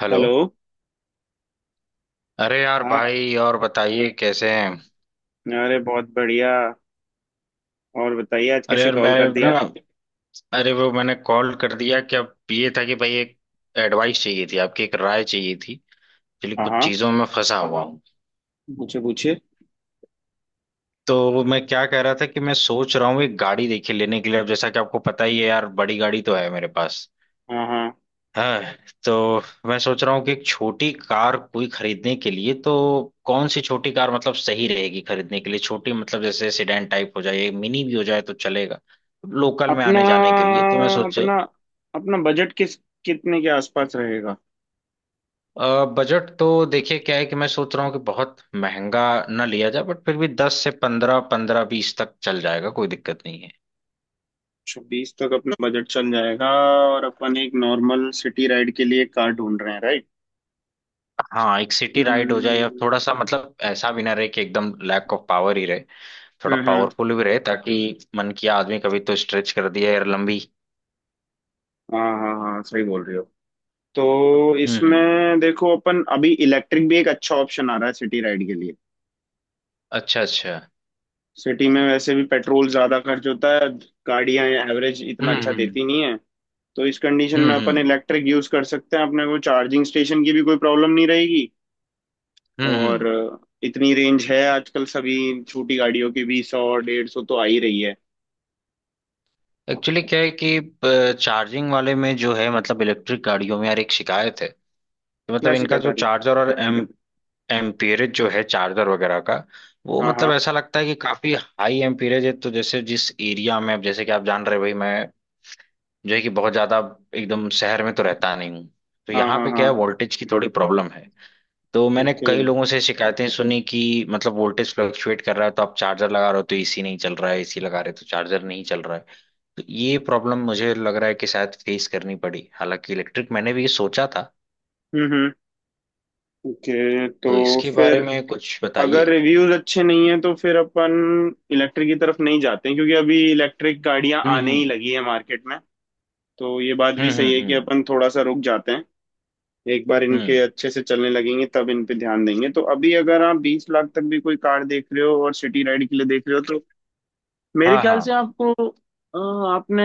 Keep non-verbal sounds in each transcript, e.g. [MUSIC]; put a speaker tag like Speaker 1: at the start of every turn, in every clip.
Speaker 1: Hello.
Speaker 2: Hello.
Speaker 1: अरे यार
Speaker 2: हाँ।
Speaker 1: भाई, और बताइए कैसे हैं।
Speaker 2: अरे बहुत बढ़िया। और बताइए आज
Speaker 1: अरे
Speaker 2: कैसे
Speaker 1: यार मैं,
Speaker 2: कॉल कर
Speaker 1: ना,
Speaker 2: दिया।
Speaker 1: अरे वो मैंने कॉल कर दिया कि अब ये था कि भाई एक एडवाइस चाहिए थी आपकी, एक राय चाहिए थी। एक्चुअली
Speaker 2: हाँ
Speaker 1: कुछ
Speaker 2: हाँ।
Speaker 1: चीजों में फंसा हुआ हूँ।
Speaker 2: पूछे पूछे।
Speaker 1: तो मैं क्या कह रहा था कि मैं सोच रहा हूँ एक गाड़ी देखी लेने के लिए। अब जैसा कि आपको पता ही है यार, बड़ी गाड़ी तो है मेरे पास।
Speaker 2: हाँ हाँ।
Speaker 1: हाँ। तो मैं सोच रहा हूँ कि एक छोटी कार कोई खरीदने के लिए, तो कौन सी छोटी कार मतलब सही रहेगी खरीदने के लिए, छोटी मतलब जैसे सेडान टाइप हो जाए, मिनी भी हो जाए तो चलेगा, लोकल में
Speaker 2: अपना
Speaker 1: आने जाने के लिए। तो मैं सोचे
Speaker 2: अपना अपना बजट किस कितने के आसपास रहेगा।
Speaker 1: बजट तो देखिए क्या है कि मैं सोच रहा हूँ कि बहुत महंगा ना लिया जाए, बट फिर भी 10 से 15, 15-20 तक चल जाएगा, कोई दिक्कत नहीं है।
Speaker 2: बीस तक अपना बजट चल जाएगा। और अपन एक नॉर्मल सिटी राइड के लिए कार ढूंढ रहे हैं, राइट।
Speaker 1: हाँ, एक सिटी राइड हो जाए या
Speaker 2: हम्म
Speaker 1: थोड़ा सा मतलब ऐसा भी ना रहे कि एकदम लैक ऑफ पावर ही रहे। थोड़ा
Speaker 2: हम्म।
Speaker 1: पावरफुल भी रहे ताकि मन किया आदमी कभी तो स्ट्रेच कर दिया यार लंबी।
Speaker 2: हाँ हाँ हाँ, सही बोल रही हो। तो
Speaker 1: हम्म।
Speaker 2: इसमें देखो अपन अभी इलेक्ट्रिक भी एक अच्छा ऑप्शन आ रहा है सिटी राइड के लिए।
Speaker 1: अच्छा अच्छा।
Speaker 2: सिटी में वैसे भी पेट्रोल ज्यादा खर्च होता है। गाड़ियां एवरेज इतना अच्छा देती
Speaker 1: हम्म
Speaker 2: नहीं है। तो इस कंडीशन में
Speaker 1: हम्म।
Speaker 2: अपन इलेक्ट्रिक यूज कर सकते हैं, अपने को चार्जिंग स्टेशन की भी कोई प्रॉब्लम नहीं रहेगी। और
Speaker 1: हम्म।
Speaker 2: इतनी रेंज है आजकल सभी छोटी गाड़ियों की भी, 100 150 तो आ ही रही है।
Speaker 1: एक्चुअली क्या है कि चार्जिंग वाले में जो है मतलब इलेक्ट्रिक गाड़ियों में यार एक शिकायत है कि मतलब
Speaker 2: क्या
Speaker 1: इनका
Speaker 2: शिकायत आ
Speaker 1: जो
Speaker 2: रही।
Speaker 1: चार्जर और एम एम्पीरेज जो है चार्जर वगैरह का, वो
Speaker 2: हाँ
Speaker 1: मतलब
Speaker 2: हाँ
Speaker 1: ऐसा लगता है कि काफी हाई एम्पीरेज है, तो जैसे जिस एरिया में अब जैसे कि आप जान रहे हो भाई मैं जो है कि बहुत ज्यादा एकदम शहर में तो रहता नहीं हूँ, तो
Speaker 2: हाँ।
Speaker 1: यहाँ
Speaker 2: हाँ
Speaker 1: पे क्या है
Speaker 2: हाँ।
Speaker 1: वोल्टेज की थोड़ी प्रॉब्लम है। तो मैंने
Speaker 2: ओके।
Speaker 1: कई लोगों से शिकायतें सुनी कि मतलब वोल्टेज फ्लक्चुएट कर रहा है, तो आप चार्जर लगा रहे हो तो एसी नहीं चल रहा है, एसी लगा रहे हो तो चार्जर नहीं चल रहा है। तो ये प्रॉब्लम मुझे लग रहा है कि शायद फेस करनी पड़ी, हालांकि इलेक्ट्रिक मैंने भी ये सोचा था।
Speaker 2: हम्म। ओके
Speaker 1: तो
Speaker 2: तो
Speaker 1: इसके बारे
Speaker 2: फिर
Speaker 1: में कुछ
Speaker 2: अगर
Speaker 1: बताइए।
Speaker 2: रिव्यूज अच्छे नहीं है तो फिर अपन इलेक्ट्रिक की तरफ नहीं जाते हैं, क्योंकि अभी इलेक्ट्रिक गाड़ियां आने ही
Speaker 1: हम्म।
Speaker 2: लगी है मार्केट में। तो ये बात भी सही
Speaker 1: हम्म।
Speaker 2: है कि अपन थोड़ा सा रुक जाते हैं। एक बार इनके
Speaker 1: हम्म,
Speaker 2: अच्छे से चलने लगेंगे तब इन पे ध्यान देंगे। तो अभी अगर आप 20 लाख तक भी कोई कार देख रहे हो और सिटी राइड के लिए देख रहे हो तो मेरे
Speaker 1: हाँ
Speaker 2: ख्याल
Speaker 1: हाँ।
Speaker 2: से आपको आपने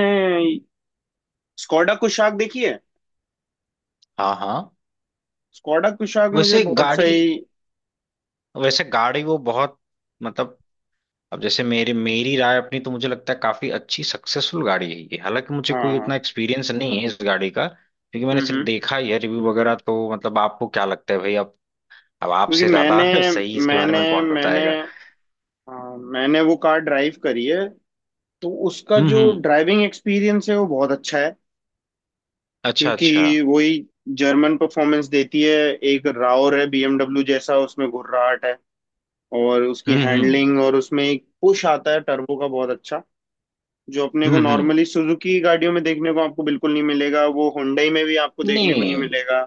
Speaker 2: स्कॉडा कुशाक देखी है।
Speaker 1: हाँ हाँ।
Speaker 2: स्कॉडा कुशाक मुझे
Speaker 1: वैसे
Speaker 2: बहुत
Speaker 1: गाड़ी
Speaker 2: सही।
Speaker 1: वैसे गाड़ी वो बहुत, मतलब अब जैसे मेरी मेरी राय अपनी तो मुझे लगता है काफी अच्छी सक्सेसफुल गाड़ी है ये, हालांकि मुझे
Speaker 2: हाँ
Speaker 1: कोई
Speaker 2: हाँ।
Speaker 1: उतना एक्सपीरियंस नहीं है इस गाड़ी का, क्योंकि मैंने सिर्फ
Speaker 2: हम्म।
Speaker 1: देखा ही है रिव्यू वगैरह। तो मतलब आपको क्या लगता है भाई, अब
Speaker 2: क्योंकि
Speaker 1: आपसे ज्यादा
Speaker 2: मैंने
Speaker 1: [LAUGHS] सही इसके बारे
Speaker 2: मैंने
Speaker 1: में कौन
Speaker 2: मैंने
Speaker 1: बताएगा।
Speaker 2: हाँ, मैंने वो कार ड्राइव करी है। तो उसका जो
Speaker 1: हम्म।
Speaker 2: ड्राइविंग एक्सपीरियंस है वो बहुत अच्छा है।
Speaker 1: अच्छा
Speaker 2: क्योंकि
Speaker 1: अच्छा।
Speaker 2: वही जर्मन परफॉर्मेंस देती है। एक रावर है बीएमडब्ल्यू जैसा, उसमें घुर्राहट है। और उसकी
Speaker 1: हम्म।
Speaker 2: हैंडलिंग, और उसमें एक पुश आता है टर्बो का, बहुत अच्छा। जो अपने को
Speaker 1: हम्म।
Speaker 2: नॉर्मली सुजुकी गाड़ियों में देखने को आपको बिल्कुल नहीं मिलेगा, वो हुंडई में भी आपको देखने को नहीं
Speaker 1: नहीं,
Speaker 2: मिलेगा।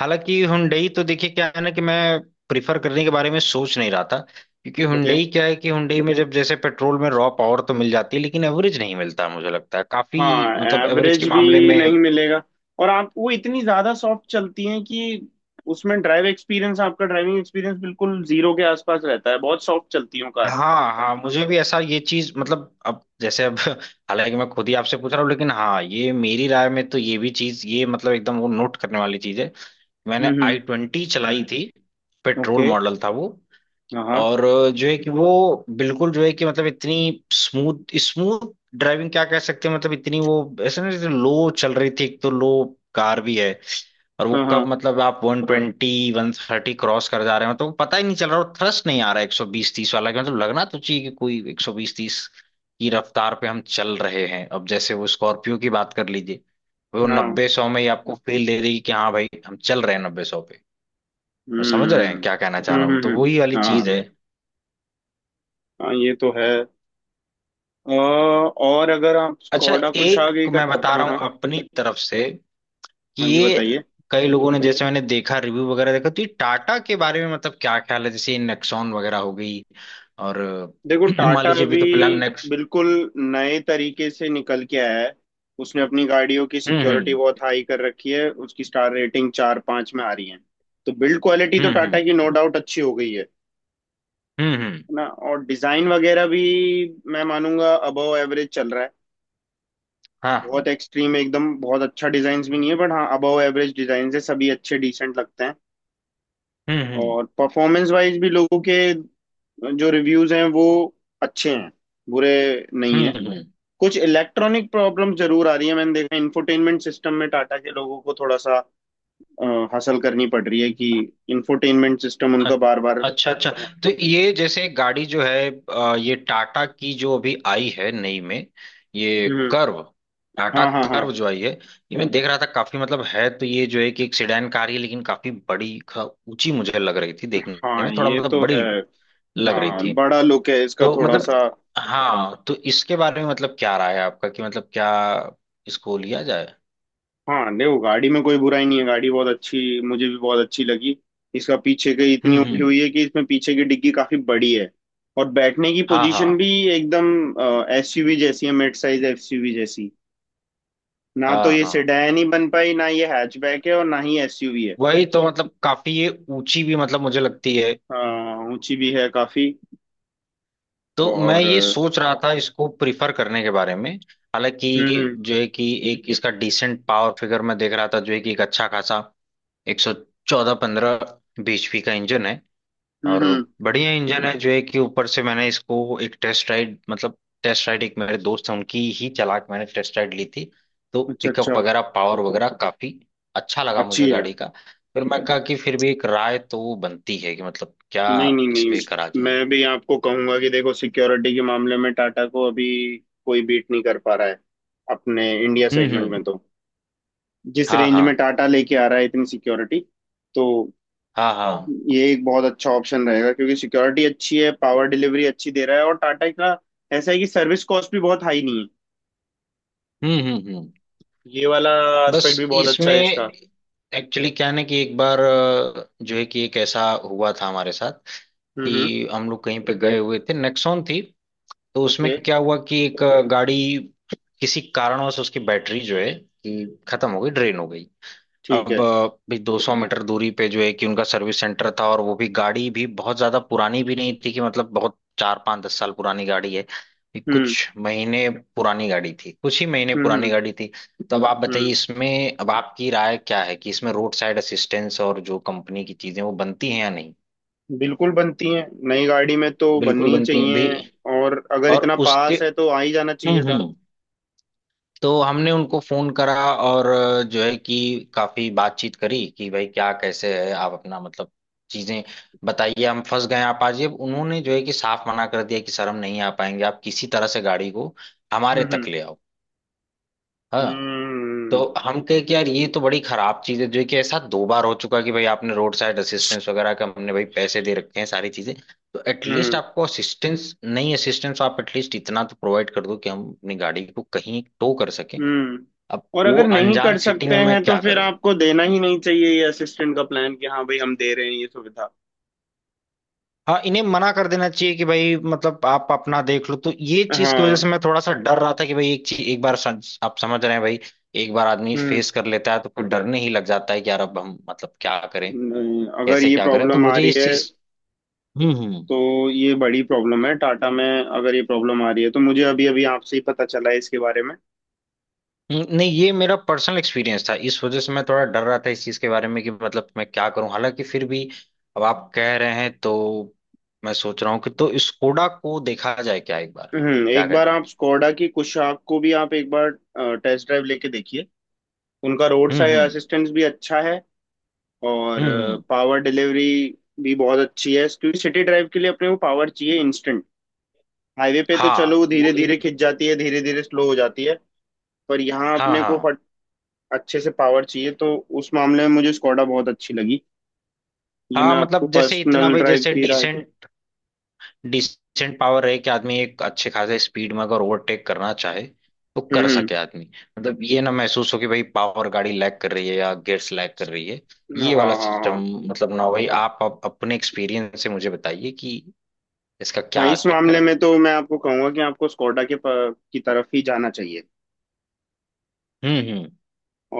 Speaker 1: हालांकि हुंडई तो देखिए क्या है ना, कि मैं प्रिफर करने के बारे में सोच नहीं रहा था, क्योंकि
Speaker 2: ओके।
Speaker 1: हुंडई क्या है कि हुंडई में जब जैसे पेट्रोल में रॉ पावर तो मिल जाती है लेकिन एवरेज नहीं मिलता मुझे लगता है काफी,
Speaker 2: हाँ।
Speaker 1: मतलब एवरेज
Speaker 2: एवरेज
Speaker 1: के
Speaker 2: भी
Speaker 1: मामले में।
Speaker 2: नहीं मिलेगा। और आप वो इतनी ज्यादा सॉफ्ट चलती हैं कि उसमें ड्राइव एक्सपीरियंस आपका ड्राइविंग एक्सपीरियंस बिल्कुल जीरो के आसपास रहता है, बहुत सॉफ्ट चलती है वो कार।
Speaker 1: हाँ हाँ, मुझे भी ऐसा ये चीज, मतलब अब जैसे अब [LAUGHS] हालांकि मैं खुद ही आपसे पूछ रहा हूँ लेकिन हाँ ये मेरी राय में तो ये भी चीज, ये मतलब एकदम वो नोट करने वाली चीज है। मैंने आई
Speaker 2: हम्म।
Speaker 1: ट्वेंटी चलाई थी, पेट्रोल
Speaker 2: ओके।
Speaker 1: मॉडल था वो।
Speaker 2: हाँ
Speaker 1: और जो है कि वो बिल्कुल जो है कि मतलब इतनी स्मूथ स्मूथ ड्राइविंग क्या कह सकते हैं, मतलब इतनी वो ऐसे ना जैसे लो चल रही थी, एक तो लो कार भी है, और वो
Speaker 2: हाँ
Speaker 1: कब
Speaker 2: हाँ
Speaker 1: मतलब आप 120-130 क्रॉस कर जा रहे हो तो पता ही नहीं चल रहा, और थ्रस्ट नहीं आ रहा 120-130 वाला, कि मतलब लगना तो चाहिए कि कोई 120-130 की रफ्तार पे हम चल रहे हैं। अब जैसे वो स्कॉर्पियो की बात कर लीजिए, वो
Speaker 2: हाँ।
Speaker 1: नब्बे सौ में ही आपको फील दे देगी कि हाँ भाई हम चल रहे हैं 90-100 पे। समझ रहे
Speaker 2: हम्म
Speaker 1: हैं क्या कहना चाह
Speaker 2: हम्म
Speaker 1: रहा
Speaker 2: हम्म
Speaker 1: हूँ, तो
Speaker 2: हम्म,
Speaker 1: वही वाली
Speaker 2: हाँ
Speaker 1: चीज है।
Speaker 2: हाँ, ये तो है। और अगर आप
Speaker 1: अच्छा,
Speaker 2: स्कोडा कुशाग
Speaker 1: एक
Speaker 2: एक
Speaker 1: मैं बता
Speaker 2: हाँ
Speaker 1: रहा हूँ
Speaker 2: हाँ।
Speaker 1: अपनी तरफ से कि
Speaker 2: हाँ जी
Speaker 1: ये
Speaker 2: बताइए।
Speaker 1: कई लोगों ने, जैसे मैंने देखा रिव्यू वगैरह देखा, तो ये टाटा के बारे में मतलब क्या ख्याल है, जैसे ये नेक्सॉन वगैरह हो गई। और
Speaker 2: देखो
Speaker 1: [CLEARS THROAT] मान
Speaker 2: टाटा
Speaker 1: लीजिए अभी
Speaker 2: अभी
Speaker 1: तो फिलहाल नेक्स्ट
Speaker 2: बिल्कुल नए तरीके से निकल के आया है। उसने अपनी गाड़ियों की सिक्योरिटी
Speaker 1: हम्म
Speaker 2: बहुत हाई कर रखी है, उसकी स्टार रेटिंग 4-5 में आ रही है। तो बिल्ड क्वालिटी तो
Speaker 1: हम्म।
Speaker 2: टाटा की नो डाउट अच्छी हो गई है
Speaker 1: हम्म।
Speaker 2: है ना। और डिजाइन वगैरह भी मैं मानूंगा अबव एवरेज चल रहा है।
Speaker 1: हाँ हाँ।
Speaker 2: बहुत एक्सट्रीम एकदम बहुत अच्छा डिजाइन भी नहीं है बट हाँ, अबव एवरेज डिजाइन है, सभी अच्छे डिसेंट लगते हैं।
Speaker 1: हम्म।
Speaker 2: और परफॉर्मेंस वाइज भी लोगों के जो रिव्यूज हैं वो अच्छे हैं, बुरे नहीं
Speaker 1: हम्म
Speaker 2: है।
Speaker 1: हम्म हम्म,
Speaker 2: कुछ इलेक्ट्रॉनिक प्रॉब्लम जरूर आ रही है, मैंने देखा इंफोटेनमेंट सिस्टम में टाटा के लोगों को थोड़ा सा अ, हासिल करनी पड़ रही है कि इंफोटेनमेंट सिस्टम
Speaker 1: अ-
Speaker 2: उनका बार बार।
Speaker 1: अच्छा अच्छा। तो ये जैसे गाड़ी जो है ये टाटा की जो अभी आई है नई में, ये
Speaker 2: हम्म।
Speaker 1: कर्व, टाटा
Speaker 2: हाँ हाँ हाँ
Speaker 1: कर्व जो आई है ये मैं देख रहा था काफी, मतलब है तो ये जो है कि एक सेडान कार ही है, लेकिन काफी बड़ी ऊंची मुझे लग रही थी देखने
Speaker 2: हाँ,
Speaker 1: में, थोड़ा
Speaker 2: ये
Speaker 1: मतलब
Speaker 2: तो है।
Speaker 1: बड़ी लग रही
Speaker 2: हाँ,
Speaker 1: थी।
Speaker 2: बड़ा लुक है इसका
Speaker 1: तो
Speaker 2: थोड़ा
Speaker 1: मतलब
Speaker 2: सा।
Speaker 1: हाँ, तो इसके बारे में मतलब क्या राय है आपका, कि मतलब क्या इसको लिया जाए।
Speaker 2: हाँ देखो गाड़ी में कोई बुराई नहीं है, गाड़ी बहुत अच्छी, मुझे भी बहुत अच्छी लगी। इसका पीछे की इतनी उठी हुई
Speaker 1: हम्म।
Speaker 2: है कि इसमें पीछे की डिग्गी काफी बड़ी है। और बैठने की
Speaker 1: हाँ
Speaker 2: पोजीशन
Speaker 1: हाँ।
Speaker 2: भी एकदम एसयूवी जैसी है, मिड साइज एसयूवी जैसी। ना
Speaker 1: हाँ
Speaker 2: तो ये
Speaker 1: हाँ।
Speaker 2: सेडान ही बन पाई, ना ये हैचबैक है, और ना ही एसयूवी है।
Speaker 1: वही तो मतलब काफी ये ऊंची भी मतलब मुझे लगती है।
Speaker 2: हाँ ऊंची भी है काफी।
Speaker 1: तो मैं
Speaker 2: और
Speaker 1: ये सोच रहा था इसको प्रिफर करने के बारे में, हालांकि
Speaker 2: हम्म हम्म
Speaker 1: जो है कि एक इसका डिसेंट पावर फिगर मैं देख रहा था जो है कि एक अच्छा खासा 114-115 बीएचपी का इंजन है।
Speaker 2: हम्म
Speaker 1: और
Speaker 2: हम्म,
Speaker 1: बढ़िया इंजन है जो है कि, ऊपर से मैंने इसको एक टेस्ट राइड मतलब टेस्ट राइड एक मेरे दोस्त हैं उनकी ही चला के मैंने टेस्ट राइड ली थी। तो
Speaker 2: अच्छा
Speaker 1: पिकअप
Speaker 2: अच्छा।
Speaker 1: वगैरह पावर वगैरह काफी अच्छा लगा
Speaker 2: अच्छी
Speaker 1: मुझे
Speaker 2: है।
Speaker 1: गाड़ी का। फिर मैं कहा कि फिर भी एक राय तो बनती है कि मतलब क्या
Speaker 2: नहीं नहीं
Speaker 1: इस पे करा
Speaker 2: नहीं।
Speaker 1: जाए।
Speaker 2: मैं भी आपको कहूंगा कि देखो सिक्योरिटी के मामले में टाटा को अभी कोई बीट नहीं कर पा रहा है अपने इंडिया सेगमेंट में।
Speaker 1: हम्म।
Speaker 2: तो जिस
Speaker 1: हाँ
Speaker 2: रेंज
Speaker 1: हाँ।
Speaker 2: में टाटा लेके आ रहा है इतनी सिक्योरिटी, तो
Speaker 1: हाँ हाँ।
Speaker 2: ये एक बहुत अच्छा ऑप्शन रहेगा, क्योंकि सिक्योरिटी अच्छी है, पावर डिलीवरी अच्छी दे रहा है। और टाटा का ऐसा है कि सर्विस कॉस्ट भी बहुत हाई नहीं है,
Speaker 1: हम्म।
Speaker 2: ये वाला
Speaker 1: बस
Speaker 2: एस्पेक्ट भी बहुत अच्छा
Speaker 1: इसमें
Speaker 2: है इसका।
Speaker 1: एक्चुअली क्या है ना, कि एक बार जो है कि एक ऐसा हुआ था हमारे साथ
Speaker 2: हम्म।
Speaker 1: कि हम लोग कहीं पे गए हुए थे नेक्सॉन थी, तो उसमें
Speaker 2: ओके।
Speaker 1: क्या हुआ कि एक गाड़ी किसी कारणवश उसकी बैटरी जो है कि खत्म हो गई, ड्रेन हो गई।
Speaker 2: ठीक
Speaker 1: अब
Speaker 2: है।
Speaker 1: भी 200 मीटर दूरी पे जो है कि उनका सर्विस सेंटर था, और वो भी गाड़ी भी बहुत ज्यादा पुरानी भी नहीं थी, कि मतलब बहुत चार पांच दस साल पुरानी गाड़ी है, ये
Speaker 2: हम्म
Speaker 1: कुछ महीने पुरानी गाड़ी थी, कुछ ही महीने
Speaker 2: हम्म
Speaker 1: पुरानी
Speaker 2: हम्म
Speaker 1: गाड़ी थी। तो अब आप बताइए
Speaker 2: हम्म।
Speaker 1: इसमें अब आपकी राय क्या है कि इसमें रोड साइड असिस्टेंस और जो कंपनी की चीजें वो बनती हैं या नहीं।
Speaker 2: बिल्कुल बनती हैं, नई गाड़ी में तो
Speaker 1: बिल्कुल
Speaker 2: बननी ही
Speaker 1: बनती हैं भी।
Speaker 2: चाहिए। और अगर
Speaker 1: और
Speaker 2: इतना
Speaker 1: उसके
Speaker 2: पास है तो आ ही जाना चाहिए था।
Speaker 1: हम्म। तो हमने उनको फोन करा और जो है कि काफी बातचीत करी कि भाई क्या कैसे है आप अपना मतलब चीजें बताइए, हम फंस गए हैं, आप आ जाइए। अब उन्होंने जो है कि साफ मना कर दिया कि सर हम नहीं आ पाएंगे, आप किसी तरह से गाड़ी को हमारे
Speaker 2: हम्म
Speaker 1: तक ले आओ। हाँ। तो
Speaker 2: हम्म
Speaker 1: हम कहे कि यार ये तो बड़ी खराब चीज है जो है कि ऐसा दो बार हो चुका, कि भाई आपने रोड साइड असिस्टेंस वगैरह का हमने भाई पैसे दे रखे हैं सारी चीजें, तो एटलीस्ट
Speaker 2: हम्म
Speaker 1: आपको असिस्टेंस नहीं, असिस्टेंस आप एटलीस्ट इतना तो प्रोवाइड कर दो कि हम अपनी गाड़ी को कहीं टो कर सकें।
Speaker 2: हम्म।
Speaker 1: अब
Speaker 2: और
Speaker 1: वो
Speaker 2: अगर नहीं
Speaker 1: अनजान
Speaker 2: कर
Speaker 1: सिटी
Speaker 2: सकते
Speaker 1: में मैं
Speaker 2: हैं तो
Speaker 1: क्या
Speaker 2: फिर
Speaker 1: करूं।
Speaker 2: आपको देना ही नहीं चाहिए ये असिस्टेंट का प्लान कि हाँ भाई हम दे रहे हैं ये सुविधा।
Speaker 1: हाँ, इन्हें मना कर देना चाहिए कि भाई मतलब आप अपना देख लो। तो ये चीज की वजह
Speaker 2: हाँ।
Speaker 1: से मैं थोड़ा सा डर रहा था कि भाई एक चीज एक बार आप समझ रहे हैं भाई, एक बार आदमी
Speaker 2: हम्म।
Speaker 1: फेस कर लेता है तो फिर डरने ही लग जाता है कि यार अब हम मतलब क्या करें,
Speaker 2: नहीं, अगर
Speaker 1: कैसे
Speaker 2: ये
Speaker 1: क्या करें, तो
Speaker 2: प्रॉब्लम आ
Speaker 1: मुझे
Speaker 2: रही
Speaker 1: इस
Speaker 2: है
Speaker 1: चीज। हम्म हम्म
Speaker 2: तो ये बड़ी प्रॉब्लम है टाटा में। अगर ये प्रॉब्लम आ रही है तो मुझे अभी अभी आपसे ही पता चला है इसके बारे में।
Speaker 1: नहीं ये मेरा पर्सनल एक्सपीरियंस था, इस वजह से मैं थोड़ा डर रहा था इस चीज के बारे में, कि मतलब मैं क्या करूं, हालांकि फिर भी अब आप कह रहे हैं तो मैं सोच रहा हूँ कि, तो स्कोडा को देखा जाए क्या एक बार,
Speaker 2: हम्म।
Speaker 1: क्या
Speaker 2: एक बार
Speaker 1: कहते हैं।
Speaker 2: आप स्कोडा की कुशाक को भी आप एक बार टेस्ट ड्राइव लेके देखिए। उनका रोड साइड
Speaker 1: हम्म।
Speaker 2: असिस्टेंस भी अच्छा है। और
Speaker 1: हम्म हम्म,
Speaker 2: पावर डिलीवरी भी बहुत अच्छी है, क्योंकि सिटी ड्राइव के लिए अपने को पावर चाहिए इंस्टेंट। हाईवे पे तो चलो
Speaker 1: हाँ
Speaker 2: वो
Speaker 1: वो
Speaker 2: धीरे
Speaker 1: इन।
Speaker 2: धीरे खिंच जाती है, धीरे धीरे स्लो हो जाती है। पर यहाँ
Speaker 1: हाँ
Speaker 2: अपने को
Speaker 1: हाँ।
Speaker 2: फट अच्छे से पावर चाहिए, तो उस मामले में मुझे स्कोडा बहुत अच्छी लगी। ये
Speaker 1: हाँ,
Speaker 2: मैं आपको
Speaker 1: मतलब जैसे इतना
Speaker 2: पर्सनल
Speaker 1: भाई,
Speaker 2: ड्राइव
Speaker 1: जैसे
Speaker 2: की राय।
Speaker 1: डिसेंट डिसेंट पावर रहे कि आदमी एक अच्छे खासे स्पीड में अगर ओवरटेक करना चाहे तो कर
Speaker 2: हम्म हम्म,
Speaker 1: सके आदमी। मतलब ये ना महसूस हो कि भाई पावर गाड़ी लैग कर रही है या गियर्स लैग कर रही है,
Speaker 2: हाँ
Speaker 1: ये वाला
Speaker 2: हाँ हाँ।
Speaker 1: सिस्टम मतलब ना हो भाई। आप अपने एक्सपीरियंस से मुझे बताइए कि इसका
Speaker 2: हाँ
Speaker 1: क्या
Speaker 2: इस
Speaker 1: चक्कर
Speaker 2: मामले में
Speaker 1: है।
Speaker 2: तो मैं आपको कहूंगा कि आपको स्कोडा के की तरफ ही जाना चाहिए।
Speaker 1: हम्म।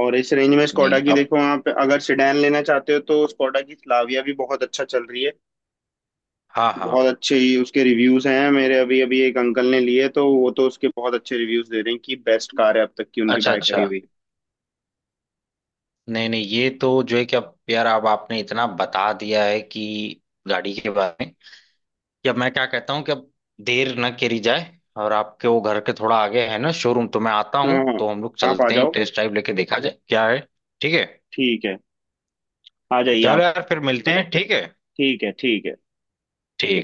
Speaker 2: और इस रेंज में स्कोडा
Speaker 1: नहीं
Speaker 2: की,
Speaker 1: अब,
Speaker 2: देखो आप अगर सिडैन लेना चाहते हो तो स्कोडा की स्लाविया भी बहुत अच्छा चल रही है।
Speaker 1: हाँ हाँ।
Speaker 2: बहुत अच्छे ही उसके रिव्यूज हैं, मेरे अभी अभी एक अंकल ने लिए तो वो तो उसके बहुत अच्छे रिव्यूज दे रहे हैं कि बेस्ट कार है अब तक की उनकी
Speaker 1: अच्छा
Speaker 2: बाय
Speaker 1: अच्छा।
Speaker 2: करी हुई।
Speaker 1: नहीं नहीं ये तो जो है कि अब यार अब आपने इतना बता दिया है कि गाड़ी के बारे में, कि अब मैं क्या कहता हूँ कि अब देर न करी जाए, और आपके वो घर के थोड़ा आगे है ना शोरूम, तो मैं आता हूँ
Speaker 2: हाँ हाँ,
Speaker 1: तो हम लोग
Speaker 2: आप आ
Speaker 1: चलते हैं,
Speaker 2: जाओ।
Speaker 1: टेस्ट ड्राइव लेके देखा जाए क्या है। ठीक है।
Speaker 2: ठीक है। आ जाइए
Speaker 1: चलो
Speaker 2: आप।
Speaker 1: यार फिर मिलते हैं, ठीक है।
Speaker 2: ठीक है ठीक है।
Speaker 1: ठीक।